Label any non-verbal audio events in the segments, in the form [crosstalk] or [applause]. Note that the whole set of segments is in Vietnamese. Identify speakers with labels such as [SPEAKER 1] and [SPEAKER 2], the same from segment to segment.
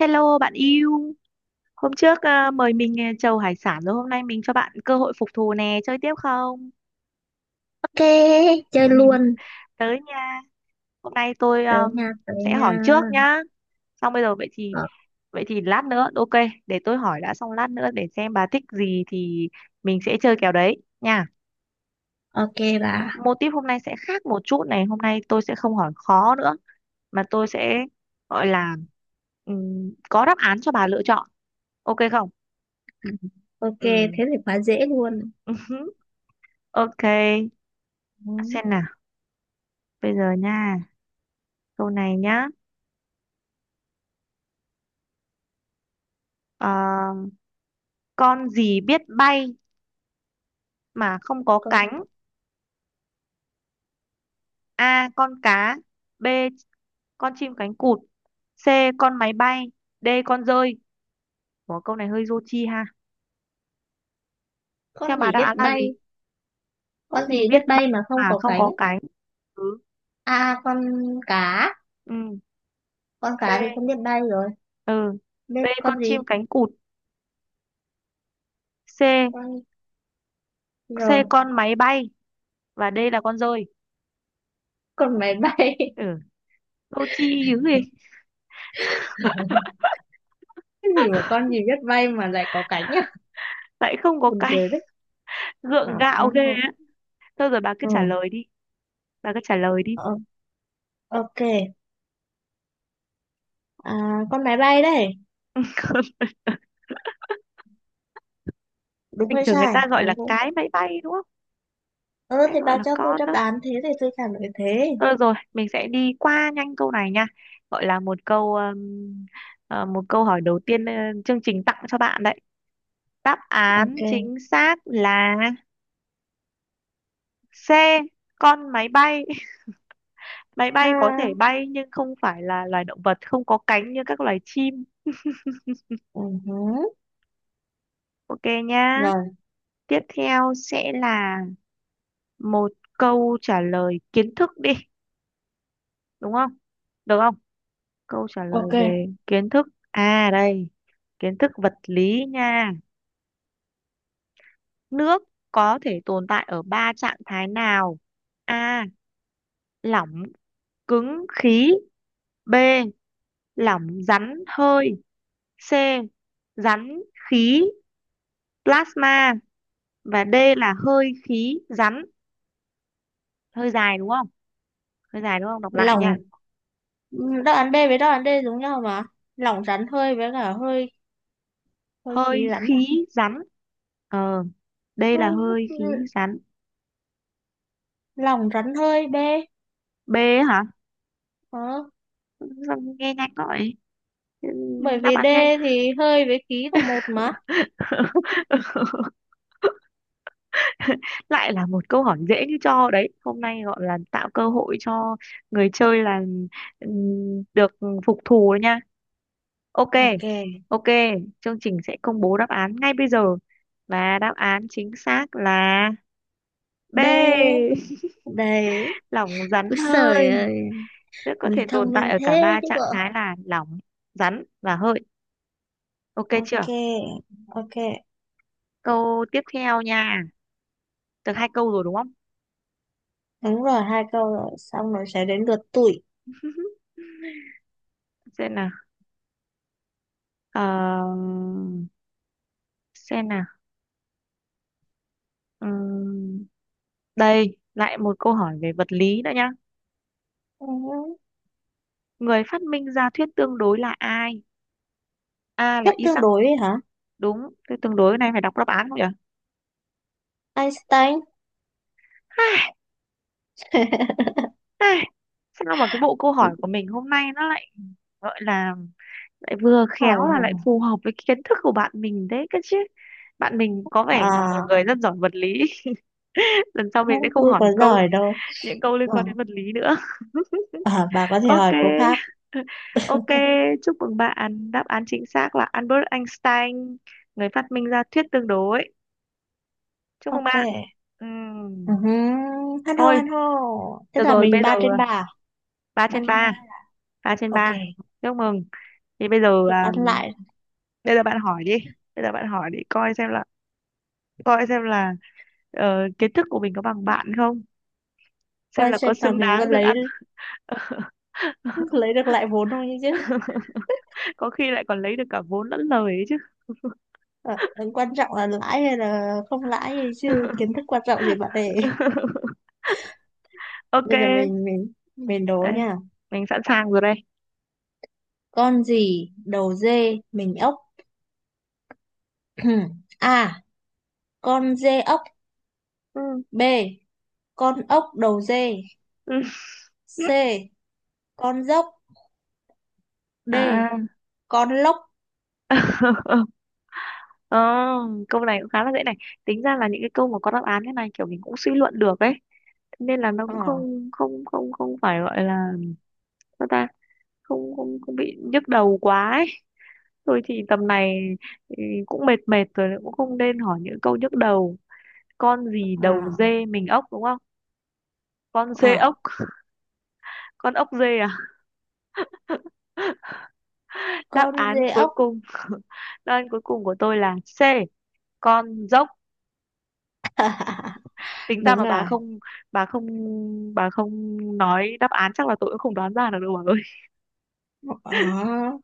[SPEAKER 1] Hello bạn yêu, hôm trước à, mời mình à, trầu hải sản rồi hôm nay mình cho bạn cơ hội phục thù nè, chơi tiếp không?
[SPEAKER 2] Ok, chơi luôn.
[SPEAKER 1] Tới nha. Hôm nay tôi
[SPEAKER 2] Tới nha, tới
[SPEAKER 1] sẽ hỏi
[SPEAKER 2] nha.
[SPEAKER 1] trước nhá. Xong bây giờ vậy thì
[SPEAKER 2] Ờ,
[SPEAKER 1] vậy thì lát nữa ok, để tôi hỏi đã xong lát nữa để xem bà thích gì thì mình sẽ chơi kèo đấy nha.
[SPEAKER 2] ok bà.
[SPEAKER 1] Mô típ hôm nay sẽ khác một chút này, hôm nay tôi sẽ không hỏi khó nữa mà tôi sẽ gọi là có đáp án cho bà lựa chọn. Ok không?
[SPEAKER 2] Ừ. Ok,
[SPEAKER 1] Ừ.
[SPEAKER 2] thế thì quá dễ luôn.
[SPEAKER 1] [laughs] Ok.
[SPEAKER 2] Ừ.
[SPEAKER 1] Xem nào. Bây giờ nha, câu này nhá. Ờ, con gì biết bay mà không có
[SPEAKER 2] Con,
[SPEAKER 1] cánh? A. Con cá. B. Con chim cánh cụt. C. Con máy bay. D. Con dơi. Ủa, câu này hơi vô tri ha. Theo
[SPEAKER 2] con
[SPEAKER 1] bà
[SPEAKER 2] gì
[SPEAKER 1] đáp
[SPEAKER 2] biết
[SPEAKER 1] án là gì?
[SPEAKER 2] bay?
[SPEAKER 1] Con
[SPEAKER 2] Con
[SPEAKER 1] gì
[SPEAKER 2] gì biết
[SPEAKER 1] biết
[SPEAKER 2] bay
[SPEAKER 1] bay
[SPEAKER 2] mà không
[SPEAKER 1] mà
[SPEAKER 2] có
[SPEAKER 1] không có
[SPEAKER 2] cánh?
[SPEAKER 1] cánh? Ừ.
[SPEAKER 2] À, con cá.
[SPEAKER 1] Ừ.
[SPEAKER 2] Con cá thì
[SPEAKER 1] B.
[SPEAKER 2] không biết bay rồi.
[SPEAKER 1] Ừ. B.
[SPEAKER 2] Biết
[SPEAKER 1] Con
[SPEAKER 2] con gì?
[SPEAKER 1] chim cánh cụt. C.
[SPEAKER 2] Con rồi.
[SPEAKER 1] C. Con máy bay. Và D là con dơi.
[SPEAKER 2] Con máy bay. [laughs]
[SPEAKER 1] Ừ. Vô tri dữ gì?
[SPEAKER 2] Cái gì mà con gì biết bay mà lại có cánh nhá? [laughs]
[SPEAKER 1] Lại không có
[SPEAKER 2] Buồn
[SPEAKER 1] cánh.
[SPEAKER 2] cười đấy.
[SPEAKER 1] [laughs]
[SPEAKER 2] Ờ,
[SPEAKER 1] Gượng
[SPEAKER 2] ờ,
[SPEAKER 1] gạo ghê
[SPEAKER 2] ờ,
[SPEAKER 1] á. Thôi rồi bà cứ
[SPEAKER 2] ờ.
[SPEAKER 1] trả lời đi. Bà cứ trả lời đi.
[SPEAKER 2] Ờ, ok. À, con máy bay đây.
[SPEAKER 1] [laughs]
[SPEAKER 2] Đúng
[SPEAKER 1] Bình
[SPEAKER 2] hay
[SPEAKER 1] thường người
[SPEAKER 2] sai?
[SPEAKER 1] ta gọi là
[SPEAKER 2] Đúng không?
[SPEAKER 1] cái máy bay đúng không,
[SPEAKER 2] Ừ
[SPEAKER 1] hay
[SPEAKER 2] thì
[SPEAKER 1] gọi
[SPEAKER 2] bà
[SPEAKER 1] là
[SPEAKER 2] cho tôi
[SPEAKER 1] con
[SPEAKER 2] đáp
[SPEAKER 1] đó.
[SPEAKER 2] án thế thì tôi trả lời thế.
[SPEAKER 1] Thôi được rồi, mình sẽ đi qua nhanh câu này nha, gọi là một câu một câu hỏi đầu tiên ờ, chương trình tặng cho bạn đấy. Đáp án
[SPEAKER 2] Ok.
[SPEAKER 1] chính xác là C, con máy bay. [laughs] Máy bay có thể
[SPEAKER 2] Ha.
[SPEAKER 1] bay nhưng không phải là loài động vật không có cánh như các loài chim. [laughs]
[SPEAKER 2] Ừ. Hứ.
[SPEAKER 1] Ok nhá.
[SPEAKER 2] Rồi.
[SPEAKER 1] Tiếp theo sẽ là một câu trả lời kiến thức đi, đúng không? Được không? Câu trả lời
[SPEAKER 2] Ok.
[SPEAKER 1] về kiến thức a đây, kiến thức vật lý nha. Nước có thể tồn tại ở ba trạng thái nào? A. Lỏng, cứng, khí. B. Lỏng, rắn, hơi. C. Rắn, khí, plasma. Và D là hơi khí rắn. Hơi dài đúng không? Hơi dài đúng không? Đọc lại
[SPEAKER 2] Lỏng.
[SPEAKER 1] nha.
[SPEAKER 2] Ừ, đáp án B với đáp án D giống nhau mà. Lỏng rắn hơi với cả hơi hơi
[SPEAKER 1] Hơi
[SPEAKER 2] khí rắn mà.
[SPEAKER 1] khí rắn. Ờ, D là hơi
[SPEAKER 2] Hơi,
[SPEAKER 1] khí rắn.
[SPEAKER 2] lỏng rắn hơi B.
[SPEAKER 1] B hả?
[SPEAKER 2] Ờ.
[SPEAKER 1] Sao nghe nhanh gọi.
[SPEAKER 2] Bởi
[SPEAKER 1] Đáp
[SPEAKER 2] vì D
[SPEAKER 1] án nhanh.
[SPEAKER 2] thì hơi với khí là một mà. [laughs]
[SPEAKER 1] [laughs] Lại là một câu hỏi dễ như cho đấy, hôm nay gọi là tạo cơ hội cho người chơi là ừm, được phục thù đấy nha. Ok.
[SPEAKER 2] Ok.
[SPEAKER 1] Ok, chương trình sẽ công bố đáp án ngay bây giờ và đáp án chính xác là B.
[SPEAKER 2] B.
[SPEAKER 1] [laughs]
[SPEAKER 2] Đấy.
[SPEAKER 1] Lỏng rắn
[SPEAKER 2] Úi giời
[SPEAKER 1] hơi,
[SPEAKER 2] ơi.
[SPEAKER 1] rất có
[SPEAKER 2] Mình
[SPEAKER 1] thể tồn
[SPEAKER 2] thông
[SPEAKER 1] tại
[SPEAKER 2] minh
[SPEAKER 1] ở cả
[SPEAKER 2] thế
[SPEAKER 1] ba
[SPEAKER 2] chứ bộ.
[SPEAKER 1] trạng thái là lỏng rắn và hơi. Ok
[SPEAKER 2] Ok.
[SPEAKER 1] chưa?
[SPEAKER 2] Ok.
[SPEAKER 1] Câu tiếp theo nha, được hai câu rồi đúng không?
[SPEAKER 2] Đúng rồi. Hai câu rồi. Xong rồi sẽ đến lượt tụi.
[SPEAKER 1] Xem nào. Ờ, xem nào. Ừm, đây, lại một câu hỏi về vật lý nữa nhá.
[SPEAKER 2] Ừ.
[SPEAKER 1] Người phát minh ra thuyết tương đối là ai? A là
[SPEAKER 2] Thuyết tương
[SPEAKER 1] Isaac,
[SPEAKER 2] đối ấy hả?
[SPEAKER 1] đúng. Thuyết tương đối này phải đọc đáp án không nhỉ?
[SPEAKER 2] Einstein.
[SPEAKER 1] Ai,
[SPEAKER 2] [laughs]
[SPEAKER 1] ai, sao mà cái bộ câu hỏi của mình hôm nay nó lại gọi là lại vừa khéo
[SPEAKER 2] hỏi
[SPEAKER 1] mà
[SPEAKER 2] là,
[SPEAKER 1] lại phù hợp với cái kiến thức của bạn mình đấy cơ chứ. Bạn mình có vẻ là một
[SPEAKER 2] à
[SPEAKER 1] người rất giỏi vật lý. [laughs] Lần sau mình
[SPEAKER 2] không
[SPEAKER 1] sẽ không
[SPEAKER 2] tôi
[SPEAKER 1] hỏi
[SPEAKER 2] có
[SPEAKER 1] câu,
[SPEAKER 2] giỏi đâu.
[SPEAKER 1] những câu liên quan đến vật lý nữa.
[SPEAKER 2] À, à, bà có thể
[SPEAKER 1] Ok.
[SPEAKER 2] hỏi cô khác.
[SPEAKER 1] [laughs] Ok, chúc mừng bạn. Đáp án chính xác là Albert Einstein, người phát minh ra thuyết tương đối. Chúc mừng
[SPEAKER 2] Ok.
[SPEAKER 1] bạn. Ừm,
[SPEAKER 2] uh hăn hô
[SPEAKER 1] Thôi,
[SPEAKER 2] hăn hô. Tức
[SPEAKER 1] được
[SPEAKER 2] là
[SPEAKER 1] rồi, bây
[SPEAKER 2] mình
[SPEAKER 1] giờ
[SPEAKER 2] ba trên ba à?
[SPEAKER 1] ba
[SPEAKER 2] Ba
[SPEAKER 1] trên
[SPEAKER 2] trên ba
[SPEAKER 1] ba
[SPEAKER 2] là-
[SPEAKER 1] ba trên
[SPEAKER 2] Ok,
[SPEAKER 1] ba Chúc mừng. Thì bây giờ
[SPEAKER 2] được
[SPEAKER 1] à,
[SPEAKER 2] ăn lại.
[SPEAKER 1] bây giờ bạn hỏi đi. Bây giờ bạn hỏi đi coi xem là, coi xem là ờ, kiến thức của mình có bằng bạn không, xem
[SPEAKER 2] Quan
[SPEAKER 1] là có
[SPEAKER 2] trọng là
[SPEAKER 1] xứng
[SPEAKER 2] mình có
[SPEAKER 1] đáng được
[SPEAKER 2] lấy
[SPEAKER 1] ăn. [laughs]
[SPEAKER 2] lấy được lại vốn không chứ.
[SPEAKER 1] Có khi lại còn lấy được cả vốn lẫn lời ấy chứ.
[SPEAKER 2] Ờ, ừ, quan trọng là lãi hay là không lãi gì chứ. Kiến thức quan trọng gì bạn để
[SPEAKER 1] [laughs] Ok,
[SPEAKER 2] bây giờ mình đố
[SPEAKER 1] đây,
[SPEAKER 2] nha.
[SPEAKER 1] mình sẵn sàng rồi đây.
[SPEAKER 2] Con gì đầu dê mình ốc. [clears throat] a, con dê ốc.
[SPEAKER 1] Ừ.
[SPEAKER 2] B, con ốc đầu dê.
[SPEAKER 1] Ừ.
[SPEAKER 2] C, con dốc. D,
[SPEAKER 1] À.
[SPEAKER 2] con lốc.
[SPEAKER 1] [laughs] Ờ, câu này cũng khá là dễ này. Tính ra là những cái câu mà có đáp án thế này kiểu mình cũng suy luận được ấy. Thế nên là nó cũng
[SPEAKER 2] à
[SPEAKER 1] không không không không phải gọi là sao ta, không không không bị nhức đầu quá ấy. Thôi thì tầm này ừ, cũng mệt mệt rồi cũng không nên hỏi những câu nhức đầu. Con gì đầu
[SPEAKER 2] à
[SPEAKER 1] dê mình ốc đúng không? Con dê
[SPEAKER 2] À,
[SPEAKER 1] ốc, con ốc dê à? [laughs] Đáp
[SPEAKER 2] con
[SPEAKER 1] án
[SPEAKER 2] dê
[SPEAKER 1] cuối
[SPEAKER 2] ốc. [laughs]
[SPEAKER 1] cùng, [laughs] đáp án cuối cùng của tôi là C, con dốc.
[SPEAKER 2] À,
[SPEAKER 1] Tính ra
[SPEAKER 2] đúng
[SPEAKER 1] mà bà
[SPEAKER 2] rồi.
[SPEAKER 1] không, bà không bà không nói đáp án chắc là tôi cũng không đoán ra được đâu bà ơi.
[SPEAKER 2] ờ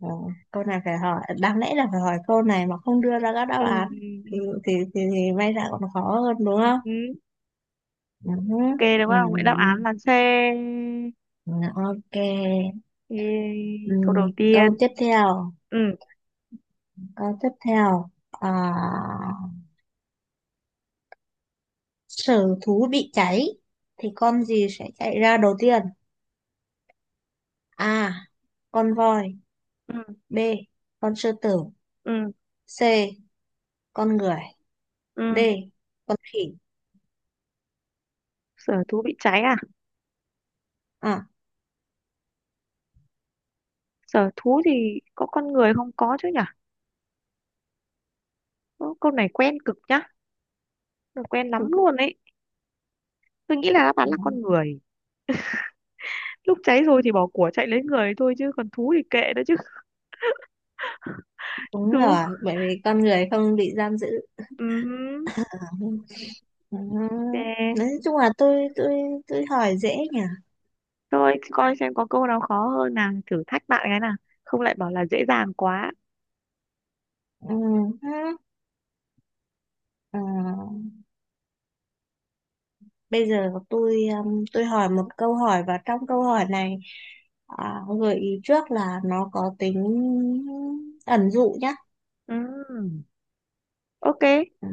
[SPEAKER 2] ờ, câu này phải hỏi, đáng lẽ là phải hỏi câu này mà không đưa ra các đáp
[SPEAKER 1] Ừ,
[SPEAKER 2] án thì thì may ra còn khó hơn đúng
[SPEAKER 1] ừ,
[SPEAKER 2] không.
[SPEAKER 1] ừ.
[SPEAKER 2] Ừ.
[SPEAKER 1] Ok đúng
[SPEAKER 2] Ừ.
[SPEAKER 1] không, vậy đáp án là C.
[SPEAKER 2] Ừ, ok.
[SPEAKER 1] Ê,
[SPEAKER 2] Ừ.
[SPEAKER 1] câu đầu
[SPEAKER 2] Câu
[SPEAKER 1] tiên.
[SPEAKER 2] tiếp theo.
[SPEAKER 1] Ừ.
[SPEAKER 2] Câu tiếp theo à? Sở thú bị cháy thì con gì sẽ chạy ra đầu tiên? A. Con voi.
[SPEAKER 1] Ừ.
[SPEAKER 2] B. Con sư tử.
[SPEAKER 1] Ừ.
[SPEAKER 2] C. Con người. D.
[SPEAKER 1] Ừ.
[SPEAKER 2] Con khỉ.
[SPEAKER 1] Sở thú bị cháy à?
[SPEAKER 2] À,
[SPEAKER 1] Sở thú thì có con người không có chứ nhỉ? Ơ, câu này quen cực nhá, quen lắm luôn ấy. Tôi nghĩ là đáp án là con người, lúc cháy rồi thì bỏ của chạy lấy người thôi chứ còn thú thì kệ đó chứ.
[SPEAKER 2] đúng
[SPEAKER 1] Thú.
[SPEAKER 2] rồi, bởi vì con người không bị giam giữ.
[SPEAKER 1] Ừ.
[SPEAKER 2] À, ừ.
[SPEAKER 1] Ok.
[SPEAKER 2] Nói chung là tôi hỏi dễ nhỉ.
[SPEAKER 1] Rồi coi xem có câu nào khó hơn nào thử thách bạn cái nào, không lại bảo là dễ dàng quá.
[SPEAKER 2] Ừ. Ừ. Ờ, bây giờ tôi hỏi một câu hỏi và trong câu hỏi này, à, gợi ý trước là nó có tính ẩn dụ nhá.
[SPEAKER 1] Ừm, ok.
[SPEAKER 2] Ừ.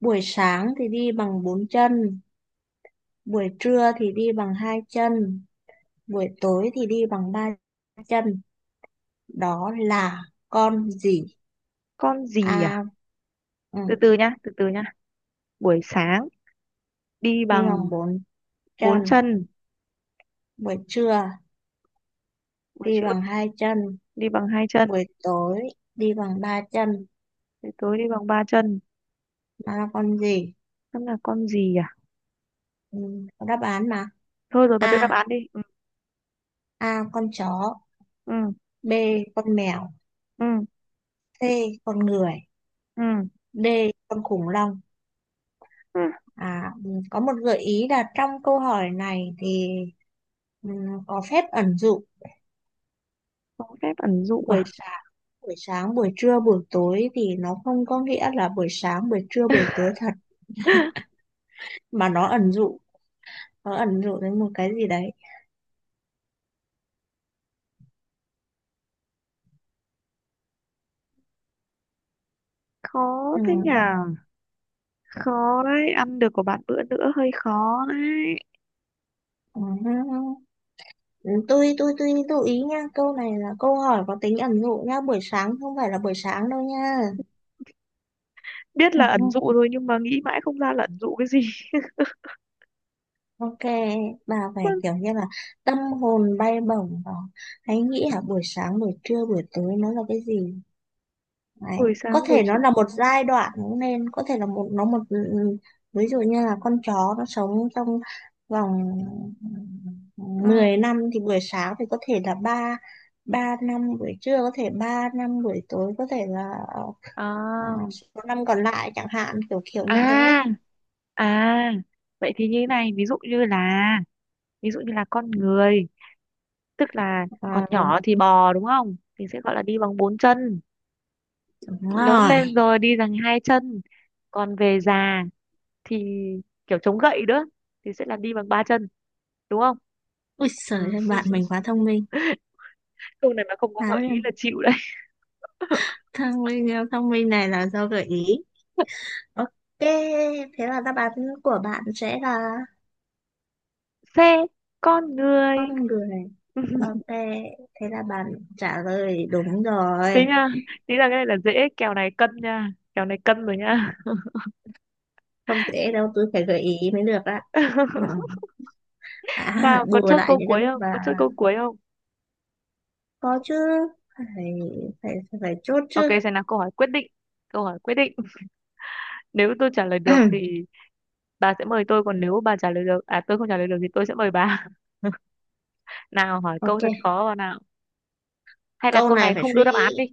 [SPEAKER 2] Buổi sáng thì đi bằng bốn chân, buổi trưa thì đi bằng hai chân, buổi tối thì đi bằng ba chân. Đó là con gì?
[SPEAKER 1] Con gì à?
[SPEAKER 2] A, ừ,
[SPEAKER 1] Từ từ nhá, từ từ nhá. Buổi sáng đi
[SPEAKER 2] đi bằng
[SPEAKER 1] bằng
[SPEAKER 2] bốn
[SPEAKER 1] bốn
[SPEAKER 2] chân,
[SPEAKER 1] chân,
[SPEAKER 2] buổi trưa
[SPEAKER 1] buổi
[SPEAKER 2] đi
[SPEAKER 1] trưa
[SPEAKER 2] bằng hai chân,
[SPEAKER 1] đi bằng hai chân,
[SPEAKER 2] buổi tối đi bằng ba chân.
[SPEAKER 1] buổi tối đi bằng ba chân.
[SPEAKER 2] Nó là con gì?
[SPEAKER 1] Xem là con gì à?
[SPEAKER 2] Ừ, có đáp án mà.
[SPEAKER 1] Thôi rồi bà đưa đáp
[SPEAKER 2] A,
[SPEAKER 1] án đi ừ.
[SPEAKER 2] A con chó,
[SPEAKER 1] Ừ.
[SPEAKER 2] B con mèo,
[SPEAKER 1] Ừ.
[SPEAKER 2] C con người,
[SPEAKER 1] Ừ.
[SPEAKER 2] D con khủng long.
[SPEAKER 1] Ừ.
[SPEAKER 2] À, ừ, có một gợi ý là trong câu hỏi này thì ừ, có phép ẩn dụ.
[SPEAKER 1] Có phép ẩn dụ
[SPEAKER 2] buổi
[SPEAKER 1] à?
[SPEAKER 2] sáng, buổi sáng, buổi trưa, buổi tối thì nó không có nghĩa là buổi sáng, buổi trưa, buổi tối thật
[SPEAKER 1] [laughs]
[SPEAKER 2] mà nó ẩn dụ đến một cái gì đấy.
[SPEAKER 1] Khó
[SPEAKER 2] Ừ,
[SPEAKER 1] thế nhỉ? Khó đấy, ăn được của bạn bữa nữa hơi khó đấy.
[SPEAKER 2] ừ, ừ, ừ. Tôi lưu ý nha, câu này là câu hỏi có tính ẩn dụ nha, buổi sáng không phải là buổi sáng đâu nha.
[SPEAKER 1] Biết là ẩn
[SPEAKER 2] [laughs]
[SPEAKER 1] dụ rồi nhưng mà nghĩ mãi không ra là ẩn dụ cái gì.
[SPEAKER 2] Ok, bà phải kiểu
[SPEAKER 1] [laughs]
[SPEAKER 2] như là tâm hồn bay bổng và hãy nghĩ hả buổi sáng, buổi trưa, buổi tối nó là cái gì đấy.
[SPEAKER 1] Buổi
[SPEAKER 2] Có
[SPEAKER 1] sáng buổi
[SPEAKER 2] thể nó
[SPEAKER 1] trưa.
[SPEAKER 2] là một giai đoạn cũng nên, có thể là một nó một ví dụ như là con chó nó sống trong vòng
[SPEAKER 1] Ừ.
[SPEAKER 2] 10 năm thì buổi sáng thì có thể là ba ba năm, buổi trưa có thể ba năm, buổi tối có thể là à,
[SPEAKER 1] À,
[SPEAKER 2] số năm còn lại chẳng hạn kiểu kiểu như thế.
[SPEAKER 1] à, à, vậy thì như thế này, ví dụ như là, ví dụ như là con người, tức là còn
[SPEAKER 2] À,
[SPEAKER 1] nhỏ thì bò đúng không, thì sẽ gọi là đi bằng bốn chân,
[SPEAKER 2] đúng
[SPEAKER 1] lớn
[SPEAKER 2] rồi.
[SPEAKER 1] lên rồi đi bằng hai chân, còn về già thì kiểu chống gậy nữa thì sẽ là đi bằng ba chân, đúng không?
[SPEAKER 2] Ui
[SPEAKER 1] Ừ.
[SPEAKER 2] giời ơi, bạn mình quá thông minh.
[SPEAKER 1] Câu này mà không có
[SPEAKER 2] À,
[SPEAKER 1] gợi ý là chịu đấy. [laughs]
[SPEAKER 2] thông minh này là do gợi ý. Ok, thế là đáp án của bạn sẽ là
[SPEAKER 1] Xe, con người.
[SPEAKER 2] con người. Ok, thế là bạn trả lời đúng
[SPEAKER 1] [laughs] Tính
[SPEAKER 2] rồi.
[SPEAKER 1] nha, tính là cái này là dễ, kèo này cân nha, kèo này cân rồi nha.
[SPEAKER 2] Không dễ đâu tôi phải gợi ý mới được ạ. Ừ.
[SPEAKER 1] [laughs]
[SPEAKER 2] À, [laughs]
[SPEAKER 1] Sao có
[SPEAKER 2] bù
[SPEAKER 1] chốt
[SPEAKER 2] lại
[SPEAKER 1] câu
[SPEAKER 2] những cái
[SPEAKER 1] cuối
[SPEAKER 2] lúc
[SPEAKER 1] không?
[SPEAKER 2] mà
[SPEAKER 1] Có chốt câu cuối không?
[SPEAKER 2] có chứ. Phải phải phải, phải chốt
[SPEAKER 1] Ok,
[SPEAKER 2] chứ.
[SPEAKER 1] sẽ là câu hỏi quyết định. Câu hỏi quyết định. [laughs] Nếu tôi trả lời được
[SPEAKER 2] [clears throat]
[SPEAKER 1] thì bà sẽ mời tôi, còn nếu bà trả lời được, à tôi không trả lời được thì tôi sẽ mời bà. [laughs] Nào hỏi câu thật
[SPEAKER 2] ok,
[SPEAKER 1] khó vào nào. Hay là
[SPEAKER 2] câu
[SPEAKER 1] câu
[SPEAKER 2] này
[SPEAKER 1] này
[SPEAKER 2] phải
[SPEAKER 1] không đưa
[SPEAKER 2] suy
[SPEAKER 1] đáp án đi.
[SPEAKER 2] nghĩ.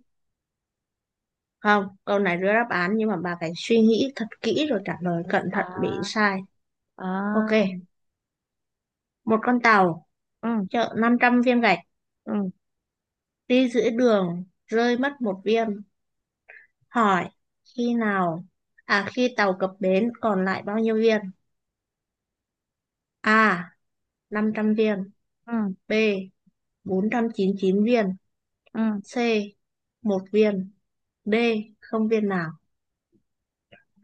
[SPEAKER 2] Không, câu này đưa đáp án nhưng mà bà phải suy nghĩ thật kỹ rồi trả lời cẩn thận bị
[SPEAKER 1] À,
[SPEAKER 2] sai. Ok,
[SPEAKER 1] à,
[SPEAKER 2] một con tàu
[SPEAKER 1] ừ,
[SPEAKER 2] chở 500 viên gạch,
[SPEAKER 1] ừ,
[SPEAKER 2] đi giữa đường rơi mất một viên, hỏi khi nào, à khi tàu cập bến còn lại bao nhiêu viên. A 500 viên,
[SPEAKER 1] ừ,
[SPEAKER 2] B 499 viên,
[SPEAKER 1] ừ.
[SPEAKER 2] C một viên, D không viên nào.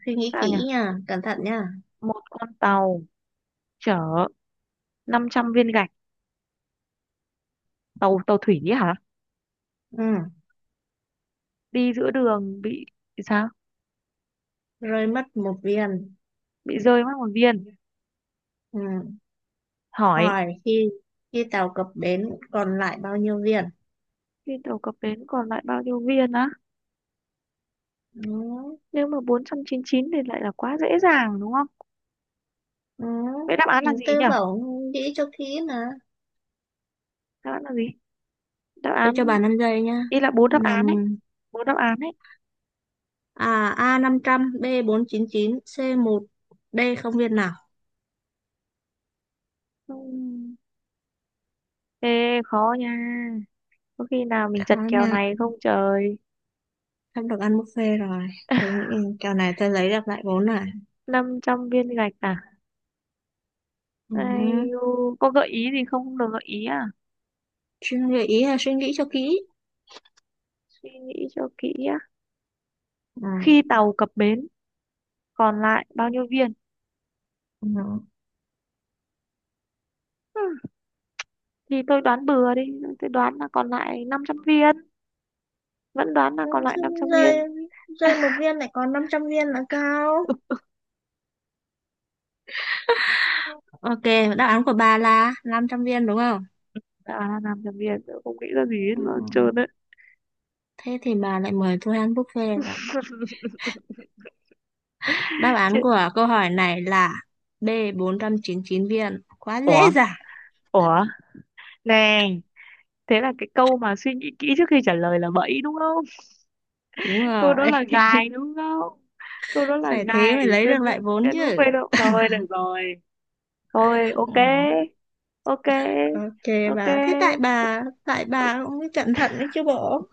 [SPEAKER 2] Suy nghĩ
[SPEAKER 1] Sao nhỉ?
[SPEAKER 2] kỹ nha, cẩn thận nha.
[SPEAKER 1] Một con tàu chở 500 viên gạch, tàu tàu thủy ấy hả?
[SPEAKER 2] Ừ.
[SPEAKER 1] Đi giữa đường bị sao?
[SPEAKER 2] Rơi mất một viên.
[SPEAKER 1] Bị rơi mất một viên.
[SPEAKER 2] Ừ.
[SPEAKER 1] Hỏi
[SPEAKER 2] Hỏi khi khi tàu cập bến còn lại bao nhiêu viên.
[SPEAKER 1] trên tàu có bến còn lại bao nhiêu viên á?
[SPEAKER 2] Ừ.
[SPEAKER 1] Nếu mà 499 thì lại là quá dễ dàng đúng không?
[SPEAKER 2] Ừ.
[SPEAKER 1] Vậy đáp án là gì
[SPEAKER 2] Tư
[SPEAKER 1] nhỉ?
[SPEAKER 2] bảo nghĩ cho kỹ mà,
[SPEAKER 1] Đáp án là gì? Đáp
[SPEAKER 2] tôi cho
[SPEAKER 1] án
[SPEAKER 2] bà 5 giây nha.
[SPEAKER 1] ý là bốn đáp án
[SPEAKER 2] Năm.
[SPEAKER 1] ấy, bốn đáp án ấy.
[SPEAKER 2] À, a 500, b 499, c một, D không viên nào.
[SPEAKER 1] Ừm, Ê khó nha. Có khi nào mình chật
[SPEAKER 2] Khó
[SPEAKER 1] kèo
[SPEAKER 2] nha,
[SPEAKER 1] này không trời?
[SPEAKER 2] sắp được ăn buffet rồi. Tôi
[SPEAKER 1] [laughs]
[SPEAKER 2] nghĩ kèo này tôi lấy được lại vốn này.
[SPEAKER 1] 500 viên gạch à?
[SPEAKER 2] Ừ.
[SPEAKER 1] Ai, u, có gợi ý gì không? Không được gợi ý à?
[SPEAKER 2] Suy nghĩ ý là suy nghĩ cho kỹ.
[SPEAKER 1] Suy nghĩ cho kỹ á.
[SPEAKER 2] Ừ.
[SPEAKER 1] Khi tàu cập bến còn lại bao nhiêu viên?
[SPEAKER 2] Ừ.
[SPEAKER 1] Ừ, thì tôi đoán bừa đi, tôi đoán là còn lại 500 viên. Vẫn đoán là
[SPEAKER 2] Ừ,
[SPEAKER 1] còn lại
[SPEAKER 2] chứ
[SPEAKER 1] 500 viên.
[SPEAKER 2] rơi, rơi một viên lại còn 500 viên là sao?
[SPEAKER 1] Ừ,
[SPEAKER 2] Ok, đáp án của bà là 500 viên đúng không?
[SPEAKER 1] à làm thằng Việt tớ không nghĩ ra gì hết
[SPEAKER 2] Ừ, ừ,
[SPEAKER 1] luôn
[SPEAKER 2] ừ.
[SPEAKER 1] trơn đấy.
[SPEAKER 2] Thế thì bà lại mời tôi ăn buffet rồi. Đáp án
[SPEAKER 1] Chết.
[SPEAKER 2] của câu hỏi này là b 499 viên. Quá
[SPEAKER 1] Ủa.
[SPEAKER 2] dễ dàng.
[SPEAKER 1] Ủa, nè, thế là cái câu mà suy nghĩ kỹ trước khi trả lời là bẫy đúng không?
[SPEAKER 2] Đúng
[SPEAKER 1] [laughs] Câu đó
[SPEAKER 2] rồi.
[SPEAKER 1] là gài đúng không? Câu đó là
[SPEAKER 2] Phải thế
[SPEAKER 1] gài
[SPEAKER 2] mới lấy
[SPEAKER 1] dân,
[SPEAKER 2] được lại vốn
[SPEAKER 1] dân bút
[SPEAKER 2] chứ.
[SPEAKER 1] bê động. Thôi được rồi, thôi ok.
[SPEAKER 2] Ừ.
[SPEAKER 1] Ok.
[SPEAKER 2] Ok,
[SPEAKER 1] Ok.
[SPEAKER 2] bà thế tại bà tại
[SPEAKER 1] Ok.
[SPEAKER 2] bà cũng mới cẩn thận đấy chứ bộ.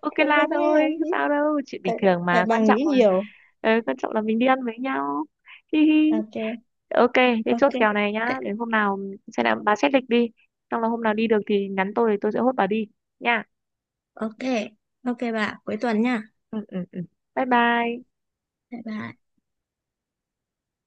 [SPEAKER 1] Ok
[SPEAKER 2] Tại bà
[SPEAKER 1] là
[SPEAKER 2] nghe
[SPEAKER 1] thôi
[SPEAKER 2] không gì,
[SPEAKER 1] sao đâu, chuyện bình
[SPEAKER 2] tại
[SPEAKER 1] thường
[SPEAKER 2] tại
[SPEAKER 1] mà,
[SPEAKER 2] bà
[SPEAKER 1] quan trọng
[SPEAKER 2] nghĩ
[SPEAKER 1] là
[SPEAKER 2] nhiều.
[SPEAKER 1] ờ, quan trọng là mình đi ăn với nhau. Hi hi.
[SPEAKER 2] Ok.
[SPEAKER 1] Ok. Thế
[SPEAKER 2] Ok.
[SPEAKER 1] chốt kèo này nhá,
[SPEAKER 2] Thế-
[SPEAKER 1] đến hôm nào xem nào, bà xét lịch đi, xong là hôm nào đi được thì nhắn tôi thì tôi sẽ hốt bà đi nha.
[SPEAKER 2] Ok. Ok, bà cuối tuần nha.
[SPEAKER 1] Ừ ừ ừ. Bye bye.
[SPEAKER 2] Tại bà